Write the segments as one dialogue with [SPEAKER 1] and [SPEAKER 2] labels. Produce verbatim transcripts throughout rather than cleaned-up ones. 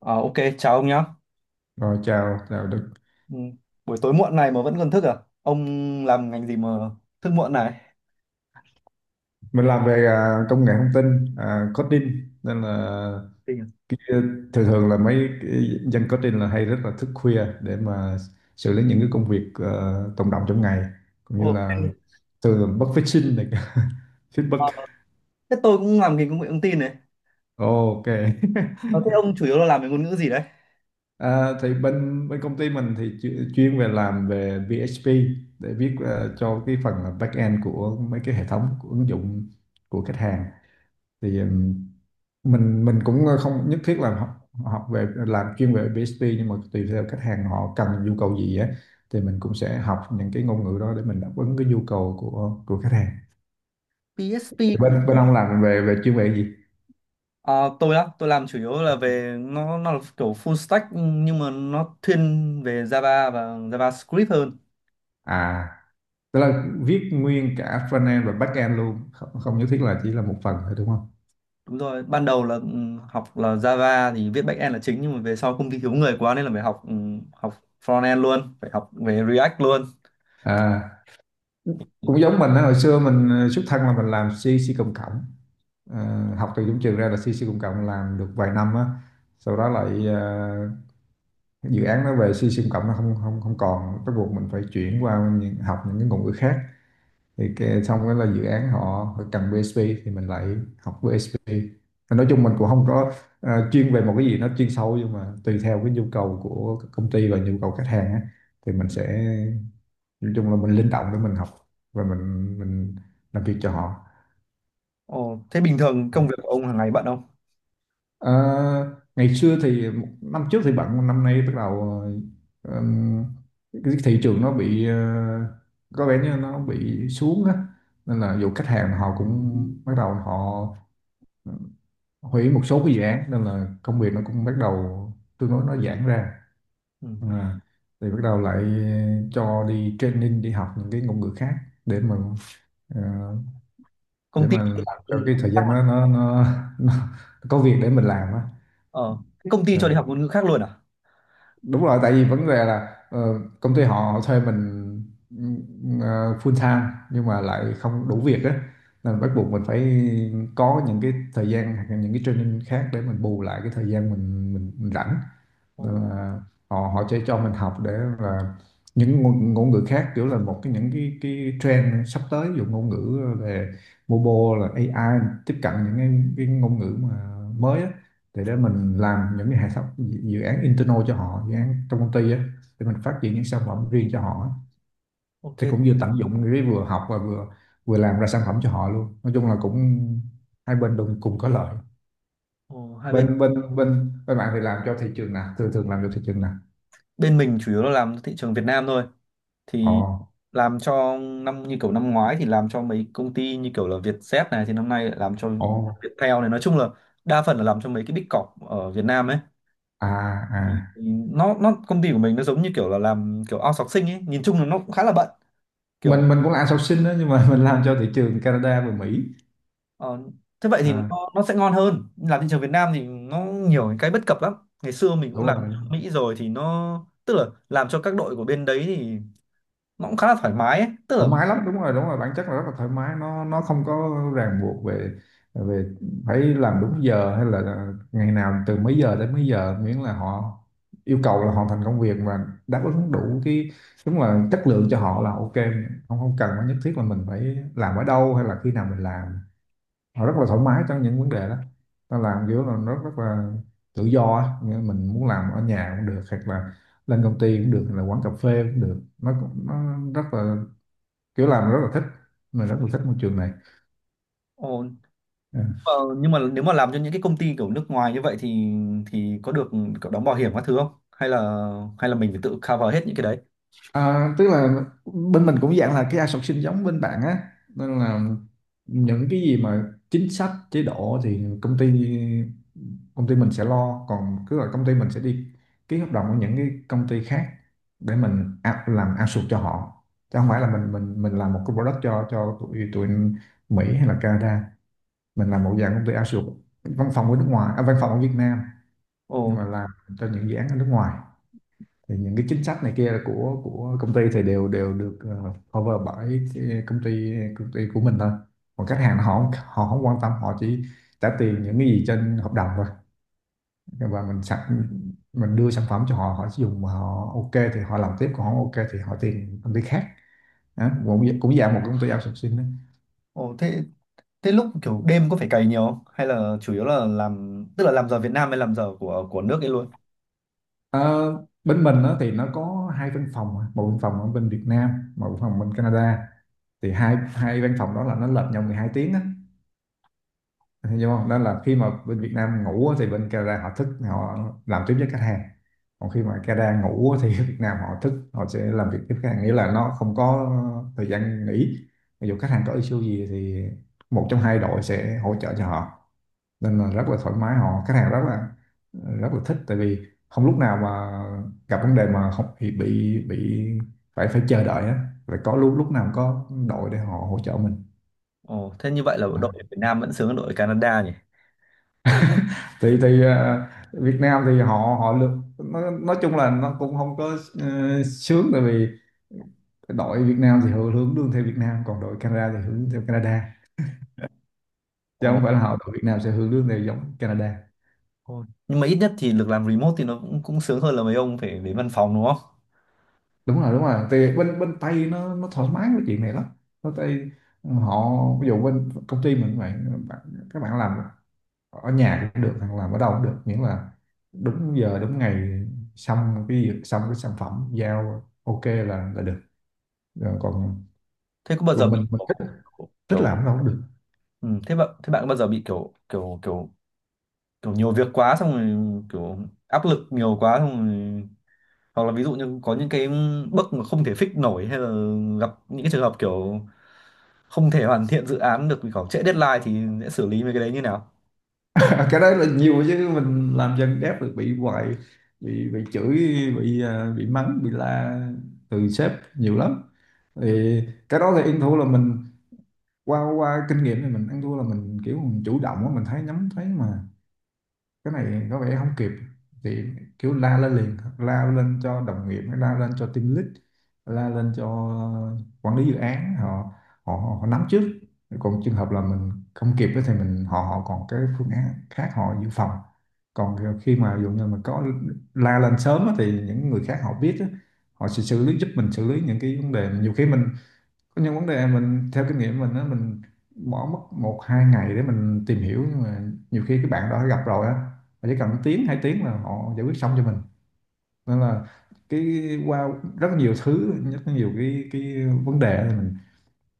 [SPEAKER 1] À, ok, chào ông nhá.
[SPEAKER 2] Rồi chào, chào Đức.
[SPEAKER 1] Ừ. Buổi tối muộn này mà vẫn còn thức à? Ông làm ngành gì mà thức muộn này?
[SPEAKER 2] Mình làm về à, công nghệ thông tin, à, coding, nên là
[SPEAKER 1] Tình à?
[SPEAKER 2] cái, thường thường là mấy cái dân coding là hay rất là thức khuya để mà xử lý những cái công việc ờ, tồn đọng trong ngày, cũng như
[SPEAKER 1] Ok.
[SPEAKER 2] là thường là bất phát sinh này
[SPEAKER 1] Ờ,
[SPEAKER 2] feedback.
[SPEAKER 1] Thế tôi cũng làm ngành công nghệ thông tin này.
[SPEAKER 2] Ồ, ok.
[SPEAKER 1] Ờ, Thế ông chủ yếu là làm về ngôn ngữ gì đấy?
[SPEAKER 2] À, thì bên bên công ty mình thì chu- chuyên về làm về pê hát pê để viết ờ, cho cái phần là back end của mấy cái hệ thống, của ứng dụng của khách hàng. Thì ừm, mình mình cũng không nhất thiết là học, học về làm chuyên về pê hát pê, nhưng mà tùy theo khách hàng họ cần nhu cầu gì á, thì mình cũng sẽ học những cái ngôn ngữ đó để mình đáp ứng cái nhu cầu của của khách hàng.
[SPEAKER 1] pê hát pê
[SPEAKER 2] Thì
[SPEAKER 1] cũng.
[SPEAKER 2] bên bên ông làm về về chuyên về gì?
[SPEAKER 1] À, tôi á, tôi làm chủ yếu là về nó nó là kiểu full stack nhưng mà nó thiên về Java và JavaScript hơn.
[SPEAKER 2] À, tức là viết nguyên cả frontend và backend luôn, không không nhất thiết là chỉ là một phần thôi đúng không?
[SPEAKER 1] Đúng rồi, ban đầu là ừ, học là Java thì viết backend là chính nhưng mà về sau công ty thiếu người quá nên là phải học ừ, học frontend luôn, phải học về React luôn.
[SPEAKER 2] À, cũng giống mình á, hồi xưa mình ờ, xuất thân là mình làm C C cộng cộng. Ờ, học từ giống trường ra là C C cộng cộng, làm được vài năm á, sau đó lại ờ, dự án nó về C siêu cộng, nó không không không còn, bắt buộc mình phải chuyển qua những, học những cái ngôn ngữ khác. Thì cái, xong đó là dự án họ cần pi éch pi thì mình lại học pê hát pê. Thì nói chung mình cũng không có ờ, chuyên về một cái gì nó chuyên sâu, nhưng mà tùy theo cái nhu cầu của công ty và nhu cầu khách hàng á, thì mình sẽ, nói chung là mình linh động để mình học và mình mình làm việc cho họ.
[SPEAKER 1] Ồ, thế bình thường công việc của ông hàng ngày bận không?
[SPEAKER 2] Ờ, ngày xưa thì một năm trước thì bận, năm nay bắt đầu ờ, ừm, cái thị trường nó bị, ờ, có vẻ như nó bị xuống á, nên là dù khách hàng họ cũng bắt đầu họ ừ, hủy một số cái dự án, nên là công việc nó cũng bắt đầu tương đối nó giãn ra.
[SPEAKER 1] Ừ.
[SPEAKER 2] À, thì bắt đầu lại cho đi training, đi học những cái ngôn ngữ khác để mà, ờ, để
[SPEAKER 1] Công ty
[SPEAKER 2] mà làm cho cái thời gian nó nó nó, nó có việc để mình làm á.
[SPEAKER 1] ờ, Thế công ty
[SPEAKER 2] Ờ,
[SPEAKER 1] cho đi học ngôn ngữ khác luôn à?
[SPEAKER 2] đúng rồi, tại vì vấn đề là ờ, công ty họ thuê mình ờ, full time, nhưng mà lại không đủ việc á, nên bắt buộc mình phải có những cái thời gian hoặc là những cái training khác để mình bù lại cái thời gian mình mình, mình rảnh. Nên
[SPEAKER 1] Ồ,
[SPEAKER 2] là họ họ cho cho mình học để là những ngôn, ngôn ngữ khác, kiểu là một cái, những cái cái trend sắp tới, ví dụ ngôn ngữ về mobile, là a i, tiếp cận những cái, cái ngôn ngữ mà mới á, thì để mình làm những cái hệ thống dự án internal cho họ, dự án trong công ty á, để mình phát triển những sản phẩm riêng cho họ á. Thì
[SPEAKER 1] ok.
[SPEAKER 2] cũng vừa tận dụng cái vừa học và vừa, vừa làm ra sản phẩm cho họ luôn, nói chung là cũng hai bên đều cùng có lợi.
[SPEAKER 1] Ồ, hai bên
[SPEAKER 2] Bên bên bên bên bạn thì làm cho thị trường nào, thường thường làm cho thị trường nào?
[SPEAKER 1] bên mình chủ yếu là làm thị trường Việt Nam thôi.
[SPEAKER 2] Ồ.
[SPEAKER 1] Thì làm cho năm như kiểu năm ngoái thì làm cho mấy công ty như kiểu là Vietjet này, thì năm nay lại làm cho
[SPEAKER 2] Ồ.
[SPEAKER 1] Viettel này, nói chung là đa phần là làm cho mấy cái big corp ở Việt Nam ấy.
[SPEAKER 2] À. À.
[SPEAKER 1] Thì nó nó công ty của mình nó giống như kiểu là làm kiểu outsourcing ấy, nhìn chung là nó cũng khá là bận.
[SPEAKER 2] mình
[SPEAKER 1] Kiểu.
[SPEAKER 2] mình cũng là outsourcing đó, nhưng mà mình làm cho thị trường Canada và Mỹ.
[SPEAKER 1] Ờ, Thế vậy thì
[SPEAKER 2] À,
[SPEAKER 1] nó, nó sẽ ngon hơn. Làm thị trường Việt Nam thì nó nhiều cái bất cập lắm. Ngày xưa mình cũng
[SPEAKER 2] đúng
[SPEAKER 1] làm
[SPEAKER 2] rồi,
[SPEAKER 1] ở Mỹ rồi thì nó, tức là làm cho các đội của bên đấy thì nó cũng khá là thoải mái ấy. Tức là,
[SPEAKER 2] thoải mái lắm, đúng rồi, đúng rồi, bản chất là rất là thoải mái. Nó nó không có ràng buộc về, về phải làm đúng giờ hay là ngày nào từ mấy giờ đến mấy giờ, miễn là họ yêu cầu là hoàn thành công việc và đáp ứng đủ cái đúng là chất lượng cho họ là ok, không không cần phải nhất thiết là mình phải làm ở đâu hay là khi nào mình làm. Họ rất là thoải mái trong những vấn đề đó, ta làm kiểu là nó rất là tự do á. Nghĩa là mình muốn làm ở nhà cũng được, hoặc là lên công ty cũng được, hay là quán cà phê cũng được, nó cũng nó rất là, kiểu làm rất là thích, mình rất là thích môi trường này.
[SPEAKER 1] ồ,
[SPEAKER 2] Ừ.
[SPEAKER 1] ờ, nhưng mà nếu mà làm cho những cái công ty kiểu nước ngoài như vậy thì thì có được kiểu đóng bảo hiểm các thứ không, hay là hay là mình phải tự cover hết những cái đấy.
[SPEAKER 2] À, tức là bên mình cũng dạng là cái outsourcing giống bên bạn á, nên là những cái gì mà chính sách chế độ thì công ty công ty mình sẽ lo. Còn cứ là công ty mình sẽ đi ký hợp đồng với những cái công ty khác để mình out- làm outsource cho họ, chứ không phải là mình mình mình làm một cái product cho cho tụi tụi Mỹ hay là Canada. Mình làm một dạng công ty outsource, văn phòng ở nước ngoài, à, văn phòng ở Việt Nam
[SPEAKER 1] Ồ.
[SPEAKER 2] nhưng mà làm cho những dự án ở nước ngoài. Thì những cái chính sách này kia của của công ty thì đều đều được ờ, cover bởi cái công ty công ty của mình thôi. Còn khách hàng họ họ không quan tâm, họ chỉ trả tiền những cái gì trên hợp đồng thôi, và mình sẵn mình đưa sản phẩm cho họ, họ sử dụng mà họ ok thì họ làm tiếp, còn không ok thì họ tìm công ty khác. Đó, cũng cũng dạng một công ty outsourcing đó.
[SPEAKER 1] Ồ. thế thế lúc kiểu đêm có phải cày nhiều không, hay là chủ yếu là làm, tức là làm giờ Việt Nam hay làm giờ của của nước ấy luôn?
[SPEAKER 2] Ờ, bên mình đó thì nó có hai văn phòng, một văn phòng ở bên Việt Nam, một văn phòng bên Canada. Thì hai hai văn phòng đó là nó lệch nhau mười hai tiếng á, hiểu không? Đó là khi mà bên Việt Nam ngủ á, thì bên Canada họ thức, họ làm tiếp với khách hàng, còn khi mà Canada ngủ á, thì ở Việt Nam họ thức, họ sẽ làm việc tiếp khách hàng, nghĩa là nó không có thời gian nghỉ. Ví dụ khách hàng có issue gì thì một trong hai đội sẽ hỗ trợ cho họ, nên là rất là thoải mái, họ khách hàng rất là, rất là thích, tại vì không lúc nào mà gặp vấn đề mà không bị bị, bị phải phải chờ đợi á, phải có lúc lúc nào có đội để họ hỗ trợ mình.
[SPEAKER 1] Ồ, thế như vậy là đội Việt Nam vẫn sướng hơn đội Canada nhỉ?
[SPEAKER 2] thì thì ờ, Việt Nam thì họ họ được, nó, nói chung là nó cũng không có ờ, sướng, tại vì đội Việt Nam thì họ hướng lương theo Việt Nam, còn đội Canada thì hướng theo Canada, chứ
[SPEAKER 1] Ồ,
[SPEAKER 2] không phải là họ đội Việt Nam sẽ hướng lương theo giống Canada.
[SPEAKER 1] thôi. Nhưng mà ít nhất thì được làm remote thì nó cũng cũng sướng hơn là mấy ông phải đến văn phòng đúng không?
[SPEAKER 2] Đúng rồi, đúng rồi, thì bên bên Tây nó nó thoải mái với chuyện này lắm. Bên Tây họ, ví dụ bên công ty mình vậy, bạn, các bạn làm ở nhà cũng được, hoặc làm ở đâu cũng được, miễn là đúng giờ đúng ngày, xong cái việc, xong cái sản phẩm giao ok là là được. Rồi còn,
[SPEAKER 1] Thế có bao giờ
[SPEAKER 2] còn
[SPEAKER 1] bị
[SPEAKER 2] mình mình
[SPEAKER 1] kiểu,
[SPEAKER 2] thích thích
[SPEAKER 1] kiểu
[SPEAKER 2] làm nó không được.
[SPEAKER 1] ừ, thế bạn thế bạn có bao giờ bị kiểu kiểu kiểu kiểu nhiều việc quá, xong rồi kiểu áp lực nhiều quá, xong rồi, hoặc là ví dụ như có những cái bug mà không thể fix nổi, hay là gặp những cái trường hợp kiểu không thể hoàn thiện dự án được vì kiểu trễ deadline, thì sẽ xử lý mấy cái đấy như nào?
[SPEAKER 2] Cái đấy là nhiều chứ, mình làm dân đáp được bị hoài, bị bị chửi, bị à, bị mắng, bị la từ sếp nhiều lắm. Thì cái đó thì ăn thua là mình, qua qua kinh nghiệm thì mình ăn thua là mình kiểu mình chủ động á, mình thấy, nhắm thấy mà cái này có vẻ không kịp, thì kiểu la lên liền, la lên cho đồng nghiệp, la lên cho team lead, la lên cho quản lý dự án, họ họ, họ nắm trước, còn trường hợp là mình không kịp ấy thì mình họ họ còn cái phương án khác họ dự phòng. Còn khi mà ví dụ như mình có la lên sớm á, thì những người khác họ biết á, họ sẽ xử lý giúp mình, xử lý những cái vấn đề, nhiều khi mình có những vấn đề, mình theo kinh nghiệm mình á, mình bỏ mất một hai ngày để mình tìm hiểu, nhưng mà nhiều khi cái bạn đó đã gặp rồi á, mà chỉ cần tiếng hai tiếng là họ giải quyết xong cho mình. Nên là cái, qua rất là nhiều thứ, rất là nhiều cái cái vấn đề thì mình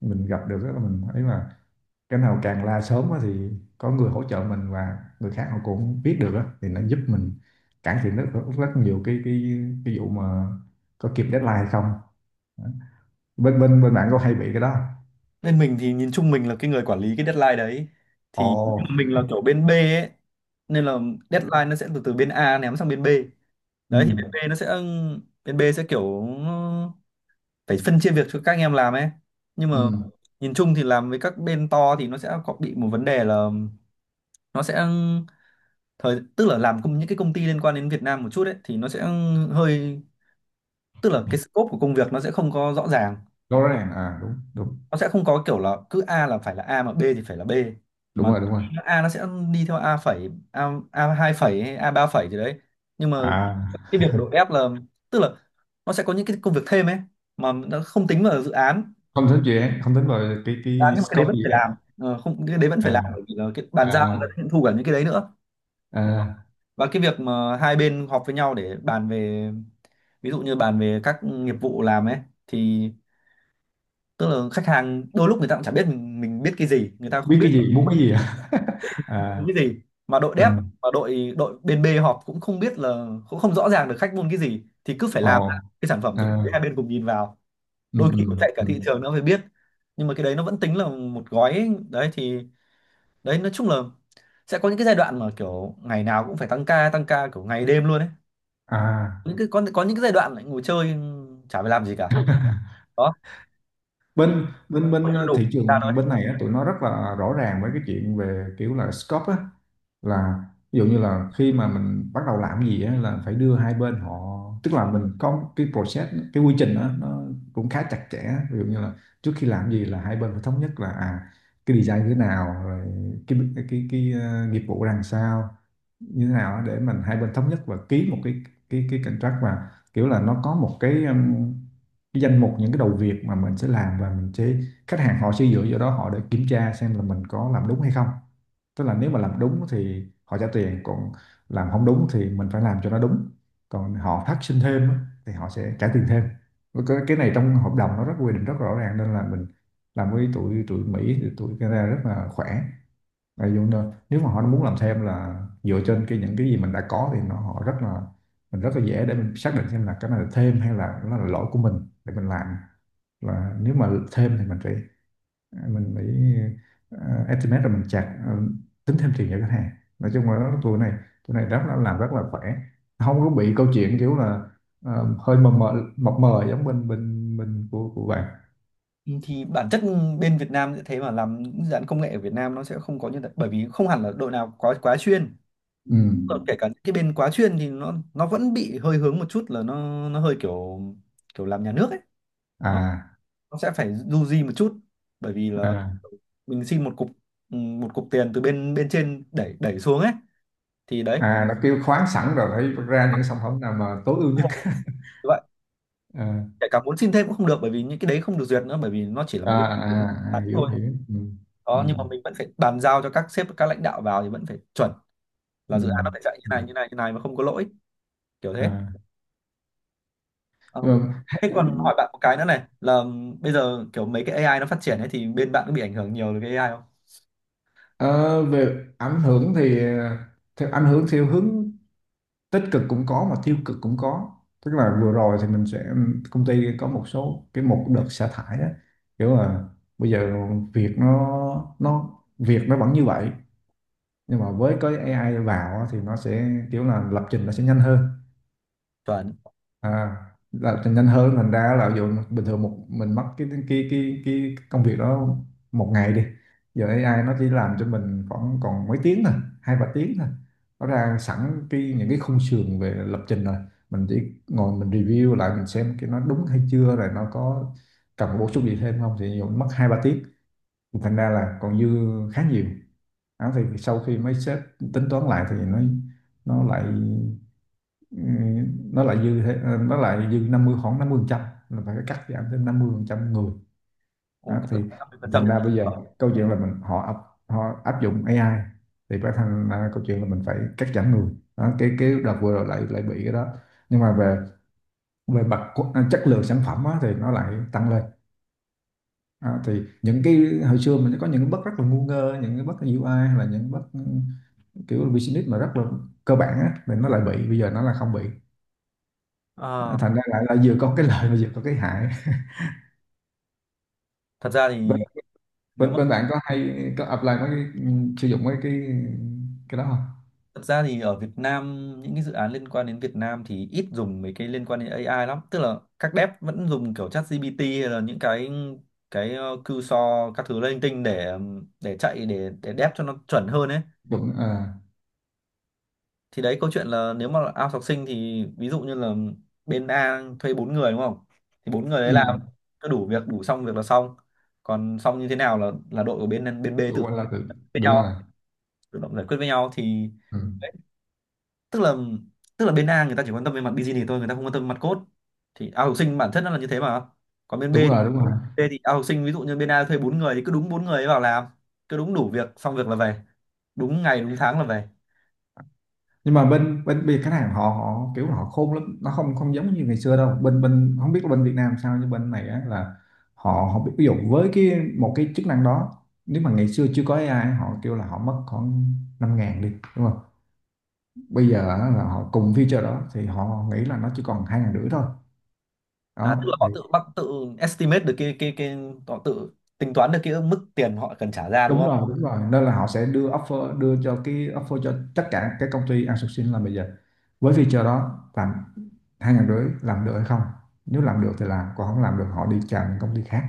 [SPEAKER 2] mình gặp được á, là mình thấy mà cái nào càng la sớm á, thì có người hỗ trợ mình và người khác họ cũng biết được á, thì nó giúp mình cải thiện rất, rất nhiều cái cái cái vụ mà có kịp deadline hay không. Bên bên bên bạn có hay bị cái đó?
[SPEAKER 1] Bên mình thì nhìn chung mình là cái người quản lý cái deadline đấy, thì
[SPEAKER 2] Ồ.
[SPEAKER 1] nhưng mà mình là kiểu bên B ấy, nên là deadline nó sẽ từ từ bên A ném sang bên B.
[SPEAKER 2] Ừ,
[SPEAKER 1] Đấy thì bên B nó sẽ bên B sẽ kiểu phải phân chia việc cho các anh em làm ấy, nhưng mà
[SPEAKER 2] ừ.
[SPEAKER 1] nhìn chung thì làm với các bên to thì nó sẽ có bị một vấn đề là, nó sẽ thời tức là làm công những cái công ty liên quan đến Việt Nam một chút ấy thì nó sẽ hơi tức là cái scope của công việc nó sẽ không có rõ ràng.
[SPEAKER 2] Rõ ràng à? Đúng, đúng.
[SPEAKER 1] Nó sẽ không có kiểu là cứ A là phải là A mà B thì phải là B,
[SPEAKER 2] Đúng
[SPEAKER 1] mà
[SPEAKER 2] rồi, đúng rồi.
[SPEAKER 1] A nó sẽ đi theo A phẩy, A A hai phẩy hay A ba phẩy gì đấy, nhưng mà
[SPEAKER 2] À,
[SPEAKER 1] cái việc của đội F là, tức là nó sẽ có những cái công việc thêm ấy mà nó không tính vào dự án.
[SPEAKER 2] không tính dự án, không tính vào cái
[SPEAKER 1] Dự án
[SPEAKER 2] cái
[SPEAKER 1] nhưng mà cái đấy
[SPEAKER 2] scope
[SPEAKER 1] vẫn
[SPEAKER 2] của dự
[SPEAKER 1] phải làm.
[SPEAKER 2] án.
[SPEAKER 1] Ờ, không cái đấy vẫn phải làm
[SPEAKER 2] À.
[SPEAKER 1] bởi vì là cái bàn giao
[SPEAKER 2] À.
[SPEAKER 1] người ta sẽ thu cả những cái đấy nữa.
[SPEAKER 2] À,
[SPEAKER 1] Và cái việc mà hai bên họp với nhau để bàn về, ví dụ như bàn về các nghiệp vụ làm ấy, thì tức là khách hàng đôi lúc người ta cũng chả biết mình, mình biết cái gì người ta không
[SPEAKER 2] biết
[SPEAKER 1] biết,
[SPEAKER 2] cái gì, muốn cái gì à?
[SPEAKER 1] môn
[SPEAKER 2] À.
[SPEAKER 1] cái gì mà đội
[SPEAKER 2] Ừ.
[SPEAKER 1] dev và đội đội bên B họp cũng không biết là, cũng không rõ ràng được khách muốn cái gì, thì cứ phải
[SPEAKER 2] Ồ.
[SPEAKER 1] làm ra cái sản phẩm thực
[SPEAKER 2] À.
[SPEAKER 1] tế hai bên cùng nhìn vào.
[SPEAKER 2] Ừ,
[SPEAKER 1] Đôi khi
[SPEAKER 2] ừ,
[SPEAKER 1] cũng chạy cả
[SPEAKER 2] ừ.
[SPEAKER 1] thị trường nó mới biết, nhưng mà cái đấy nó vẫn tính là một gói ấy. Đấy thì, đấy nói chung là sẽ có những cái giai đoạn mà kiểu ngày nào cũng phải tăng ca tăng ca kiểu ngày đêm luôn ấy,
[SPEAKER 2] à
[SPEAKER 1] những cái có có những cái giai đoạn lại ngồi chơi chả phải làm gì cả. Đó thì,
[SPEAKER 2] bên bên bên
[SPEAKER 1] không đủ
[SPEAKER 2] thị
[SPEAKER 1] ra
[SPEAKER 2] trường bên
[SPEAKER 1] thôi.
[SPEAKER 2] này á, tụi nó rất là rõ ràng với cái chuyện về kiểu là scope á, là ví dụ như là khi mà mình bắt đầu làm gì á, là phải đưa hai bên họ, tức là mình có cái process, cái quy trình đó, nó cũng khá chặt chẽ. Ví dụ như là trước khi làm gì là hai bên phải thống nhất là à cái design như thế nào rồi cái cái cái, ờ, nghiệp vụ ra làm sao, như thế nào để mình hai bên thống nhất và ký một cái cái cái contract, và kiểu là nó có một cái, um, cái danh mục những cái đầu việc mà mình sẽ làm và mình sẽ... khách hàng họ sẽ dựa vào đó họ để kiểm tra xem là mình có làm đúng hay không. Tức là nếu mà làm đúng thì họ trả tiền, còn làm không đúng thì mình phải làm cho nó đúng. Còn họ phát sinh thêm á, thì họ sẽ trả tiền thêm. Cái cái này trong hợp đồng nó rất quy định rất rõ ràng, nên là mình làm với tụi tụi Mỹ thì tụi Canada rất là khỏe. Đại Dung đó. Nếu mà họ muốn làm thêm là dựa trên cái những cái gì mình đã có thì nó họ rất là... mình rất là dễ để mình xác định xem là cái này là thêm hay là nó là lỗi của mình để mình làm. Là nếu mà thêm thì mình phải mình phải ờ, estimate, rồi mình chặt ờ, tính thêm tiền cho khách hàng. Nói chung là nó- tụi này tụi này rất là làm rất là khỏe, không có bị câu chuyện kiểu là ờ, hơi mờ mờ mập mờ giống bên bên bên của của bạn.
[SPEAKER 1] Ừ, thì bản chất bên Việt Nam sẽ thế, mà làm những dự án công nghệ ở Việt Nam nó sẽ không có như thế bởi vì không hẳn là đội nào quá quá chuyên.
[SPEAKER 2] Ừ.
[SPEAKER 1] Còn kể cả những cái bên quá chuyên thì nó nó vẫn bị hơi hướng một chút, là nó nó hơi kiểu, kiểu làm nhà nước ấy, nó,
[SPEAKER 2] À,
[SPEAKER 1] nó sẽ phải du di một chút bởi vì là
[SPEAKER 2] à,
[SPEAKER 1] mình xin một cục, ừ, một cục tiền từ bên bên trên đẩy đẩy xuống ấy thì đấy,
[SPEAKER 2] à, nó kêu khoáng sẵn rồi phải vắt ra những sản phẩm nào mà tối ưu nhất.
[SPEAKER 1] vậy
[SPEAKER 2] À,
[SPEAKER 1] kể cả muốn xin thêm cũng không được bởi vì những cái đấy không được duyệt nữa, bởi vì nó chỉ là một
[SPEAKER 2] à,
[SPEAKER 1] cái dự
[SPEAKER 2] à,
[SPEAKER 1] án
[SPEAKER 2] à, hiểu
[SPEAKER 1] thôi.
[SPEAKER 2] hiểu, ừ, ừ,
[SPEAKER 1] Đó, nhưng mà mình vẫn phải bàn giao cho các sếp các lãnh đạo vào thì vẫn phải chuẩn là
[SPEAKER 2] ừ,
[SPEAKER 1] dự án nó phải chạy như
[SPEAKER 2] ừ.
[SPEAKER 1] này như này như này mà không có lỗi kiểu thế.
[SPEAKER 2] À.
[SPEAKER 1] Ờ,
[SPEAKER 2] Nhưng mà
[SPEAKER 1] Thế còn hỏi bạn một cái nữa này là bây giờ kiểu mấy cái a i nó phát triển ấy, thì bên bạn có bị ảnh hưởng nhiều từ cái a i không?
[SPEAKER 2] ờ, về ảnh hưởng thì ờ, theo ảnh hưởng theo hướng tích cực cũng có mà tiêu cực cũng có. Tức là vừa rồi thì mình sẽ... công ty có một số cái, một đợt xả thải đó, kiểu là bây giờ việc nó nó việc nó vẫn như vậy, nhưng mà với cái A I vào á thì nó sẽ kiểu là lập trình nó sẽ nhanh hơn.
[SPEAKER 1] Chuẩn.
[SPEAKER 2] À, là thì nhanh hơn thành ra là ví bình thường một mình mất cái cái cái cái công việc đó một ngày đi, giờ A I nó chỉ làm cho mình khoảng còn mấy tiếng thôi, hai ba tiếng thôi. Nó ra sẵn cái những cái khung sườn về lập trình rồi, mình chỉ ngồi mình review lại mình xem cái nó đúng hay chưa, rồi nó có cần bổ sung gì thêm không, thì ví mất hai ba tiếng. Thì thành ra là còn dư khá nhiều. Đó, thì sau khi mấy sếp tính toán lại thì nó nó lại ừ, nó lại dư thế- ờ, nó lại dư năm mươi, khoảng năm mươi phần trăm, là phải cắt giảm thêm năm mươi phần trăm người.
[SPEAKER 1] Ồ,
[SPEAKER 2] Đó,
[SPEAKER 1] các
[SPEAKER 2] thì
[SPEAKER 1] bạn năm mươi phần trăm
[SPEAKER 2] thành
[SPEAKER 1] nhỉ?
[SPEAKER 2] ra bây giờ câu chuyện là mình họ áp họ áp dụng A I thì phải, thành ra câu chuyện là mình phải cắt giảm người. Đó, cái cái đợt vừa rồi lại lại bị cái đó. Nhưng mà về về mặt qu- à, chất lượng sản phẩm á, thì nó lại tăng lên. À, thì những cái hồi xưa mình có những cái bug rất là ngu ngơ, những cái bug U I hay là những bug, ừ, kiểu business mà rất là cơ bản á, thì nó lại bị bây giờ nó là không bị.
[SPEAKER 1] Ờ,
[SPEAKER 2] À, thành ra là, là vừa có cái lợi mà vừa có cái hại.
[SPEAKER 1] thật ra thì
[SPEAKER 2] bên,
[SPEAKER 1] nếu
[SPEAKER 2] bên,
[SPEAKER 1] mà
[SPEAKER 2] bên bạn có hay có apply mấy cái, ừ, sử dụng mấy cái cái đó không?
[SPEAKER 1] Thật ra thì ở Việt Nam những cái dự án liên quan đến Việt Nam thì ít dùng mấy cái liên quan đến a i lắm, tức là các dev vẫn dùng kiểu ChatGPT hay là những cái cái ờ, cursor các thứ linh tinh để để chạy, để để dev cho nó chuẩn hơn ấy.
[SPEAKER 2] Đúng. À.
[SPEAKER 1] Thì đấy câu chuyện là nếu mà out học sinh thì ví dụ như là bên A thuê bốn người đúng không, thì bốn người đấy
[SPEAKER 2] Ừ.
[SPEAKER 1] làm cứ đủ việc đủ xong việc là xong. Còn xong như thế nào là là đội của bên bên B
[SPEAKER 2] Đúng
[SPEAKER 1] tự
[SPEAKER 2] rồi, là tự-
[SPEAKER 1] với
[SPEAKER 2] đúng rồi.
[SPEAKER 1] nhau tự động giải quyết với nhau thì
[SPEAKER 2] Ừ.
[SPEAKER 1] đấy, tức là tức là bên A người ta chỉ quan tâm về mặt business thôi, người ta không quan tâm về mặt code, thì out học sinh bản chất nó là như thế mà, còn bên B
[SPEAKER 2] đúng
[SPEAKER 1] thì
[SPEAKER 2] rồi đúng rồi
[SPEAKER 1] B thì out học sinh ví dụ như bên A thuê bốn người thì cứ đúng bốn người ấy vào làm, cứ đúng đủ việc xong việc là về, đúng ngày đúng tháng là về.
[SPEAKER 2] Nhưng mà bên bên bên khách hàng họ họ kiểu họ khôn lắm, nó không không giống như ngày xưa đâu. Bên bên Không biết là bên Việt Nam sao, nhưng bên này á, là họ họ biết, ví dụ với cái một cái chức năng đó, nếu mà ngày xưa chưa có A I họ kêu là họ mất khoảng năm ngàn đi, đúng không? Bây giờ á, là họ cùng feature đó thì họ nghĩ là nó chỉ còn hai ngàn rưỡi thôi.
[SPEAKER 1] À, tức là
[SPEAKER 2] Đó thì...
[SPEAKER 1] họ tự bắt tự estimate được cái cái cái họ tự tính toán được cái mức tiền họ cần trả ra đúng
[SPEAKER 2] đúng rồi
[SPEAKER 1] không?
[SPEAKER 2] đúng rồi nên là họ sẽ đưa offer, đưa cho cái offer cho tất cả các công ty outsourcing là bây giờ với feature đó làm hai ngàn rưỡi làm được hay không. Nếu làm được thì làm, còn không làm được họ đi chào những công ty khác.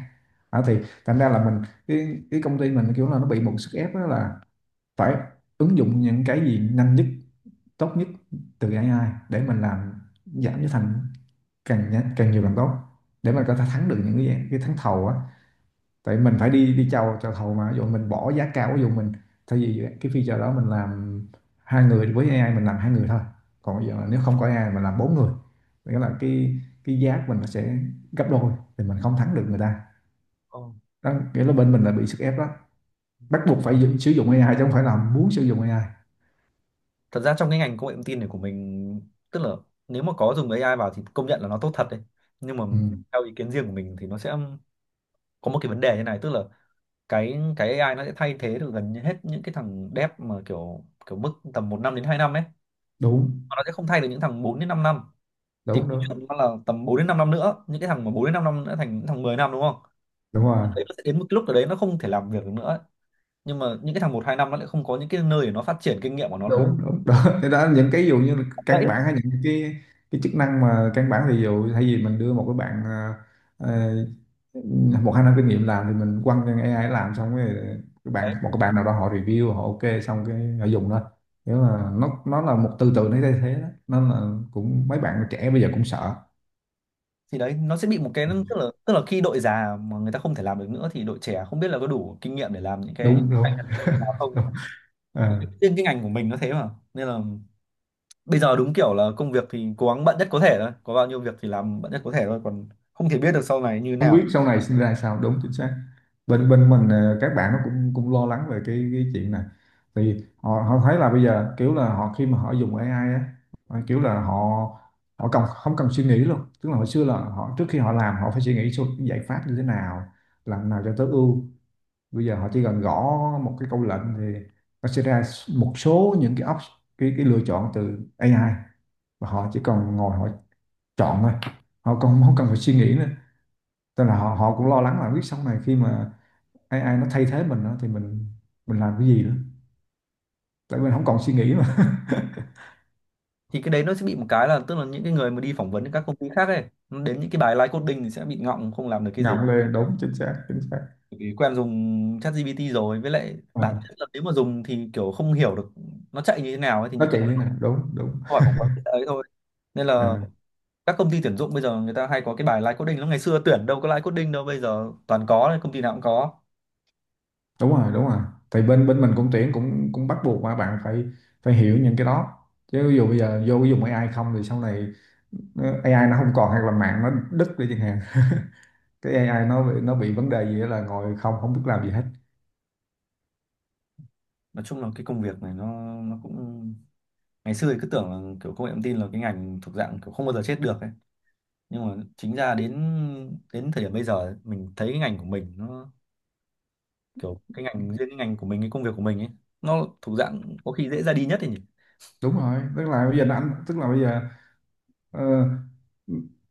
[SPEAKER 2] Đó thì thành ra là mình, cái cái công ty mình kiểu là nó bị một sức ép đó là phải ứng dụng những cái gì nhanh nhất, tốt nhất từ A I để mình làm giảm giá thành, càng nhanh càng nhiều càng tốt, để mình có thể thắng được những cái cái thắng thầu á. Tại mình phải đi đi chào chào thầu, mà ví dụ mình bỏ giá cao, ví dụ mình thay vì cái feature đó mình làm hai người, với A I mình làm hai người thôi, còn bây giờ là nếu không có A I mình làm bốn người, nghĩa là cái cái giá của mình nó sẽ gấp đôi, thì mình không thắng được người ta.
[SPEAKER 1] Ờ.
[SPEAKER 2] Đó nghĩa là bên mình là bị sức ép đó, bắt buộc phải dự- sử dụng A I chứ không phải là muốn sử dụng A I.
[SPEAKER 1] Thật ra trong cái ngành công nghệ thông tin này của mình, tức là nếu mà có dùng a i vào thì công nhận là nó tốt thật đấy. Nhưng mà
[SPEAKER 2] Ừ,
[SPEAKER 1] theo ý kiến riêng của mình thì nó sẽ có một cái vấn đề như này, tức là cái cái a i nó sẽ thay thế được gần như hết những cái thằng dev mà kiểu kiểu mức tầm một năm đến hai năm ấy.
[SPEAKER 2] đúng
[SPEAKER 1] Mà nó sẽ không thay được những thằng bốn đến 5 năm. Thì
[SPEAKER 2] đúng
[SPEAKER 1] công
[SPEAKER 2] đúng
[SPEAKER 1] nhận nó là tầm bốn đến 5 năm nữa, những cái thằng mà bốn đến 5 năm nữa thành những thằng mười năm đúng không?
[SPEAKER 2] đúng rồi
[SPEAKER 1] Đấy, nó sẽ đến một cái lúc ở đấy nó không thể làm việc được nữa, nhưng mà những cái thằng một hai năm nó lại không có những cái nơi để nó phát triển kinh nghiệm của nó.
[SPEAKER 2] đúng đúng Đó. Thế đó những cái ví dụ như là
[SPEAKER 1] Đấy,
[SPEAKER 2] căn bản, hay những cái cái chức năng mà căn bản, ví dụ thay vì mình đưa một cái bạn ờ, ờ, một hai năm kinh nghiệm làm thì mình quăng cho A I làm xong rồi cái bạn,
[SPEAKER 1] đấy
[SPEAKER 2] một cái bạn nào đó họ review, họ ok xong cái họ dùng thôi. Nếu mà nó nó là một tư tưởng nó thay thế đó, nên là cũng mấy bạn trẻ bây giờ cũng sợ.
[SPEAKER 1] thì đấy nó sẽ bị một cái, tức là tức là khi đội già mà người ta không thể làm được nữa thì đội trẻ không biết là có đủ kinh nghiệm để làm những cái
[SPEAKER 2] đúng
[SPEAKER 1] cạnh
[SPEAKER 2] đúng,
[SPEAKER 1] tranh với đội già
[SPEAKER 2] đúng.
[SPEAKER 1] không.
[SPEAKER 2] Ờ.
[SPEAKER 1] Riêng cái ngành của mình nó thế mà nên là bây giờ đúng kiểu là công việc thì cố gắng bận nhất có thể thôi, có bao nhiêu việc thì làm bận nhất có thể thôi, còn không thể biết được sau này như thế
[SPEAKER 2] Không
[SPEAKER 1] nào.
[SPEAKER 2] biết sau này sinh ra sao, đúng, chính xác.
[SPEAKER 1] Thế thì,
[SPEAKER 2] Bên bên mình, ờ, các bạn nó cũng cũng lo lắng về cái cái chuyện này. Thì họ họ thấy là bây giờ kiểu là họ khi mà họ dùng A I á, ờ, kiểu là họ họ cần không cần suy nghĩ luôn, tức là hồi xưa là họ trước khi họ làm họ phải suy nghĩ số giải pháp như thế nào, làm nào cho tối ưu. Bây giờ họ chỉ cần gõ một cái câu lệnh thì nó sẽ ra một số những cái option, cái cái lựa chọn từ A I, và họ chỉ cần ngồi họ chọn thôi, họ còn không cần phải suy nghĩ nữa. Tức là họ họ cũng lo lắng là biết sau này khi mà A I nó thay thế mình á, thì mình mình làm cái gì nữa. Tại mình không còn suy nghĩ mà.
[SPEAKER 1] thì cái đấy nó sẽ bị một cái là, tức là những cái người mà đi phỏng vấn các công ty khác ấy, nó đến những cái bài live coding thì sẽ bị ngọng không làm được cái gì
[SPEAKER 2] Ngậm lên, đúng, chính xác, chính xác.
[SPEAKER 1] vì quen dùng ChatGPT rồi, với lại
[SPEAKER 2] À,
[SPEAKER 1] bản Ừ. thân là nếu mà dùng thì kiểu không hiểu được nó chạy như thế nào ấy, thì
[SPEAKER 2] nó
[SPEAKER 1] những cái
[SPEAKER 2] chạy lên nè, đúng, đúng.
[SPEAKER 1] câu hỏi phỏng vấn ấy thôi, nên là
[SPEAKER 2] À,
[SPEAKER 1] các công ty tuyển dụng bây giờ người ta hay có cái bài live coding lắm, ngày xưa tuyển đâu có live coding đâu, bây giờ toàn có công ty nào cũng có.
[SPEAKER 2] đúng rồi, đúng rồi. Thì bên bên mình cũng tuyển, cũng cũng bắt buộc mà bạn phải phải hiểu những cái đó. Chứ ví dụ bây giờ vô dùng A I không thì sau này nó- A I nó không còn, hoặc là mạng nó đứt đi chẳng hạn. Cái A I nó bị- nó bị vấn đề gì đó là ngồi không không biết làm gì hết.
[SPEAKER 1] Nói chung là cái công việc này nó nó cũng ngày xưa thì cứ tưởng là kiểu công nghệ thông tin là cái ngành thuộc dạng kiểu không bao giờ chết được ấy, nhưng mà chính ra đến đến thời điểm bây giờ ấy, mình thấy cái ngành của mình nó kiểu cái ngành riêng cái ngành của mình cái công việc của mình ấy, nó thuộc dạng có khi dễ ra đi nhất ấy nhỉ?
[SPEAKER 2] Đúng rồi, tức là bây giờ nó ảnh tức là bây giờ, Ờ,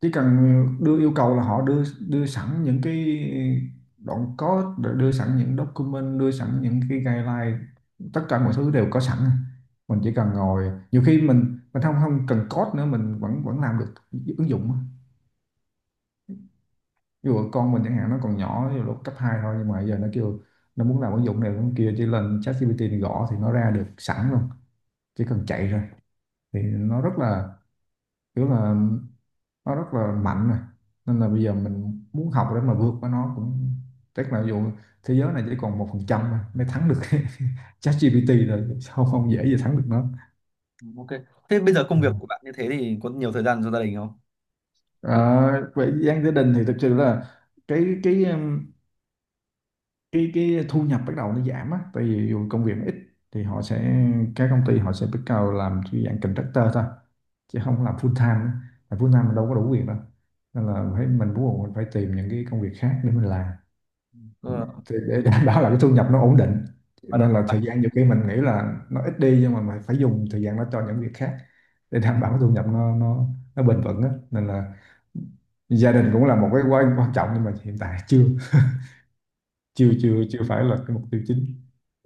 [SPEAKER 2] chỉ cần đưa yêu cầu là họ đưa đưa sẵn những cái đoạn code, rồi đưa sẵn những document, đưa sẵn những cái guideline, tất cả mọi thứ đều có sẵn. Mình chỉ cần ngồi, nhiều khi mình mình không không cần code nữa mình vẫn vẫn làm được ứng dụng á. Ví dụ con mình chẳng hạn, nó còn nhỏ, ví dụ lúc cấp hai thôi, nhưng mà giờ nó kêu nó muốn làm ứng dụng này ứng dụng kia, chỉ lên ChatGPT gõ thì nó ra được sẵn luôn, chỉ cần chạy rồi. Thì nó rất là kiểu là nó rất là mạnh rồi. Nên là bây giờ mình muốn học để mà vượt qua nó cũng... chắc là dù thế giới này chỉ còn một phần trăm mới thắng được ChatGPT, rồi sao không dễ gì thắng được nó.
[SPEAKER 1] Ừ, ok. Thế bây giờ công
[SPEAKER 2] Ờ.
[SPEAKER 1] việc của bạn như thế thì có nhiều thời gian cho gia đình không? Ừ.
[SPEAKER 2] Ờ, về gian gia đình thì thực sự là cái cái um, cái cái thu nhập bắt đầu nó giảm á, tại vì dù công việc nó ít thì họ sẽ các công ty họ sẽ bắt đầu làm cái dạng contractor thôi, chứ không làm full time á. Làm full time mình đâu có đủ việc đâu, nên là phải mình bắt buộc mình phải tìm những cái công việc khác để mình làm,
[SPEAKER 1] Ờ,
[SPEAKER 2] thì để đảm bảo là cái thu nhập nó ổn định.
[SPEAKER 1] bắt đầu
[SPEAKER 2] Nên
[SPEAKER 1] xong
[SPEAKER 2] là thời gian
[SPEAKER 1] lại.
[SPEAKER 2] nhiều khi mình nghĩ là nó ít đi, nhưng mà mình phải dùng thời gian đó cho những việc khác, để đảm bảo cái thu nhập nó nó nó bền vững á. Nên là gia đình cũng là một cái quan quan trọng, nhưng mà hiện tại chưa chưa chưa chưa phải là cái mục tiêu chính.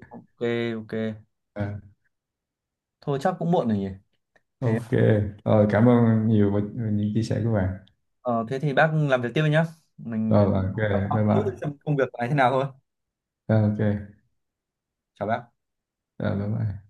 [SPEAKER 1] Ok, ok.
[SPEAKER 2] À,
[SPEAKER 1] Thôi chắc cũng muộn rồi nhỉ. Thế
[SPEAKER 2] ok. Rồi, cảm ơn nhiều về những chia sẻ của bạn.
[SPEAKER 1] ờ, Thế thì bác làm việc tiếp đi nhá. Mình
[SPEAKER 2] Rồi, ok,
[SPEAKER 1] hỏi thăm
[SPEAKER 2] bye
[SPEAKER 1] một chút
[SPEAKER 2] bye.
[SPEAKER 1] xem công việc của anh thế nào thôi.
[SPEAKER 2] Ờ, ok.
[SPEAKER 1] Chào bác.
[SPEAKER 2] Rồi, bye bye.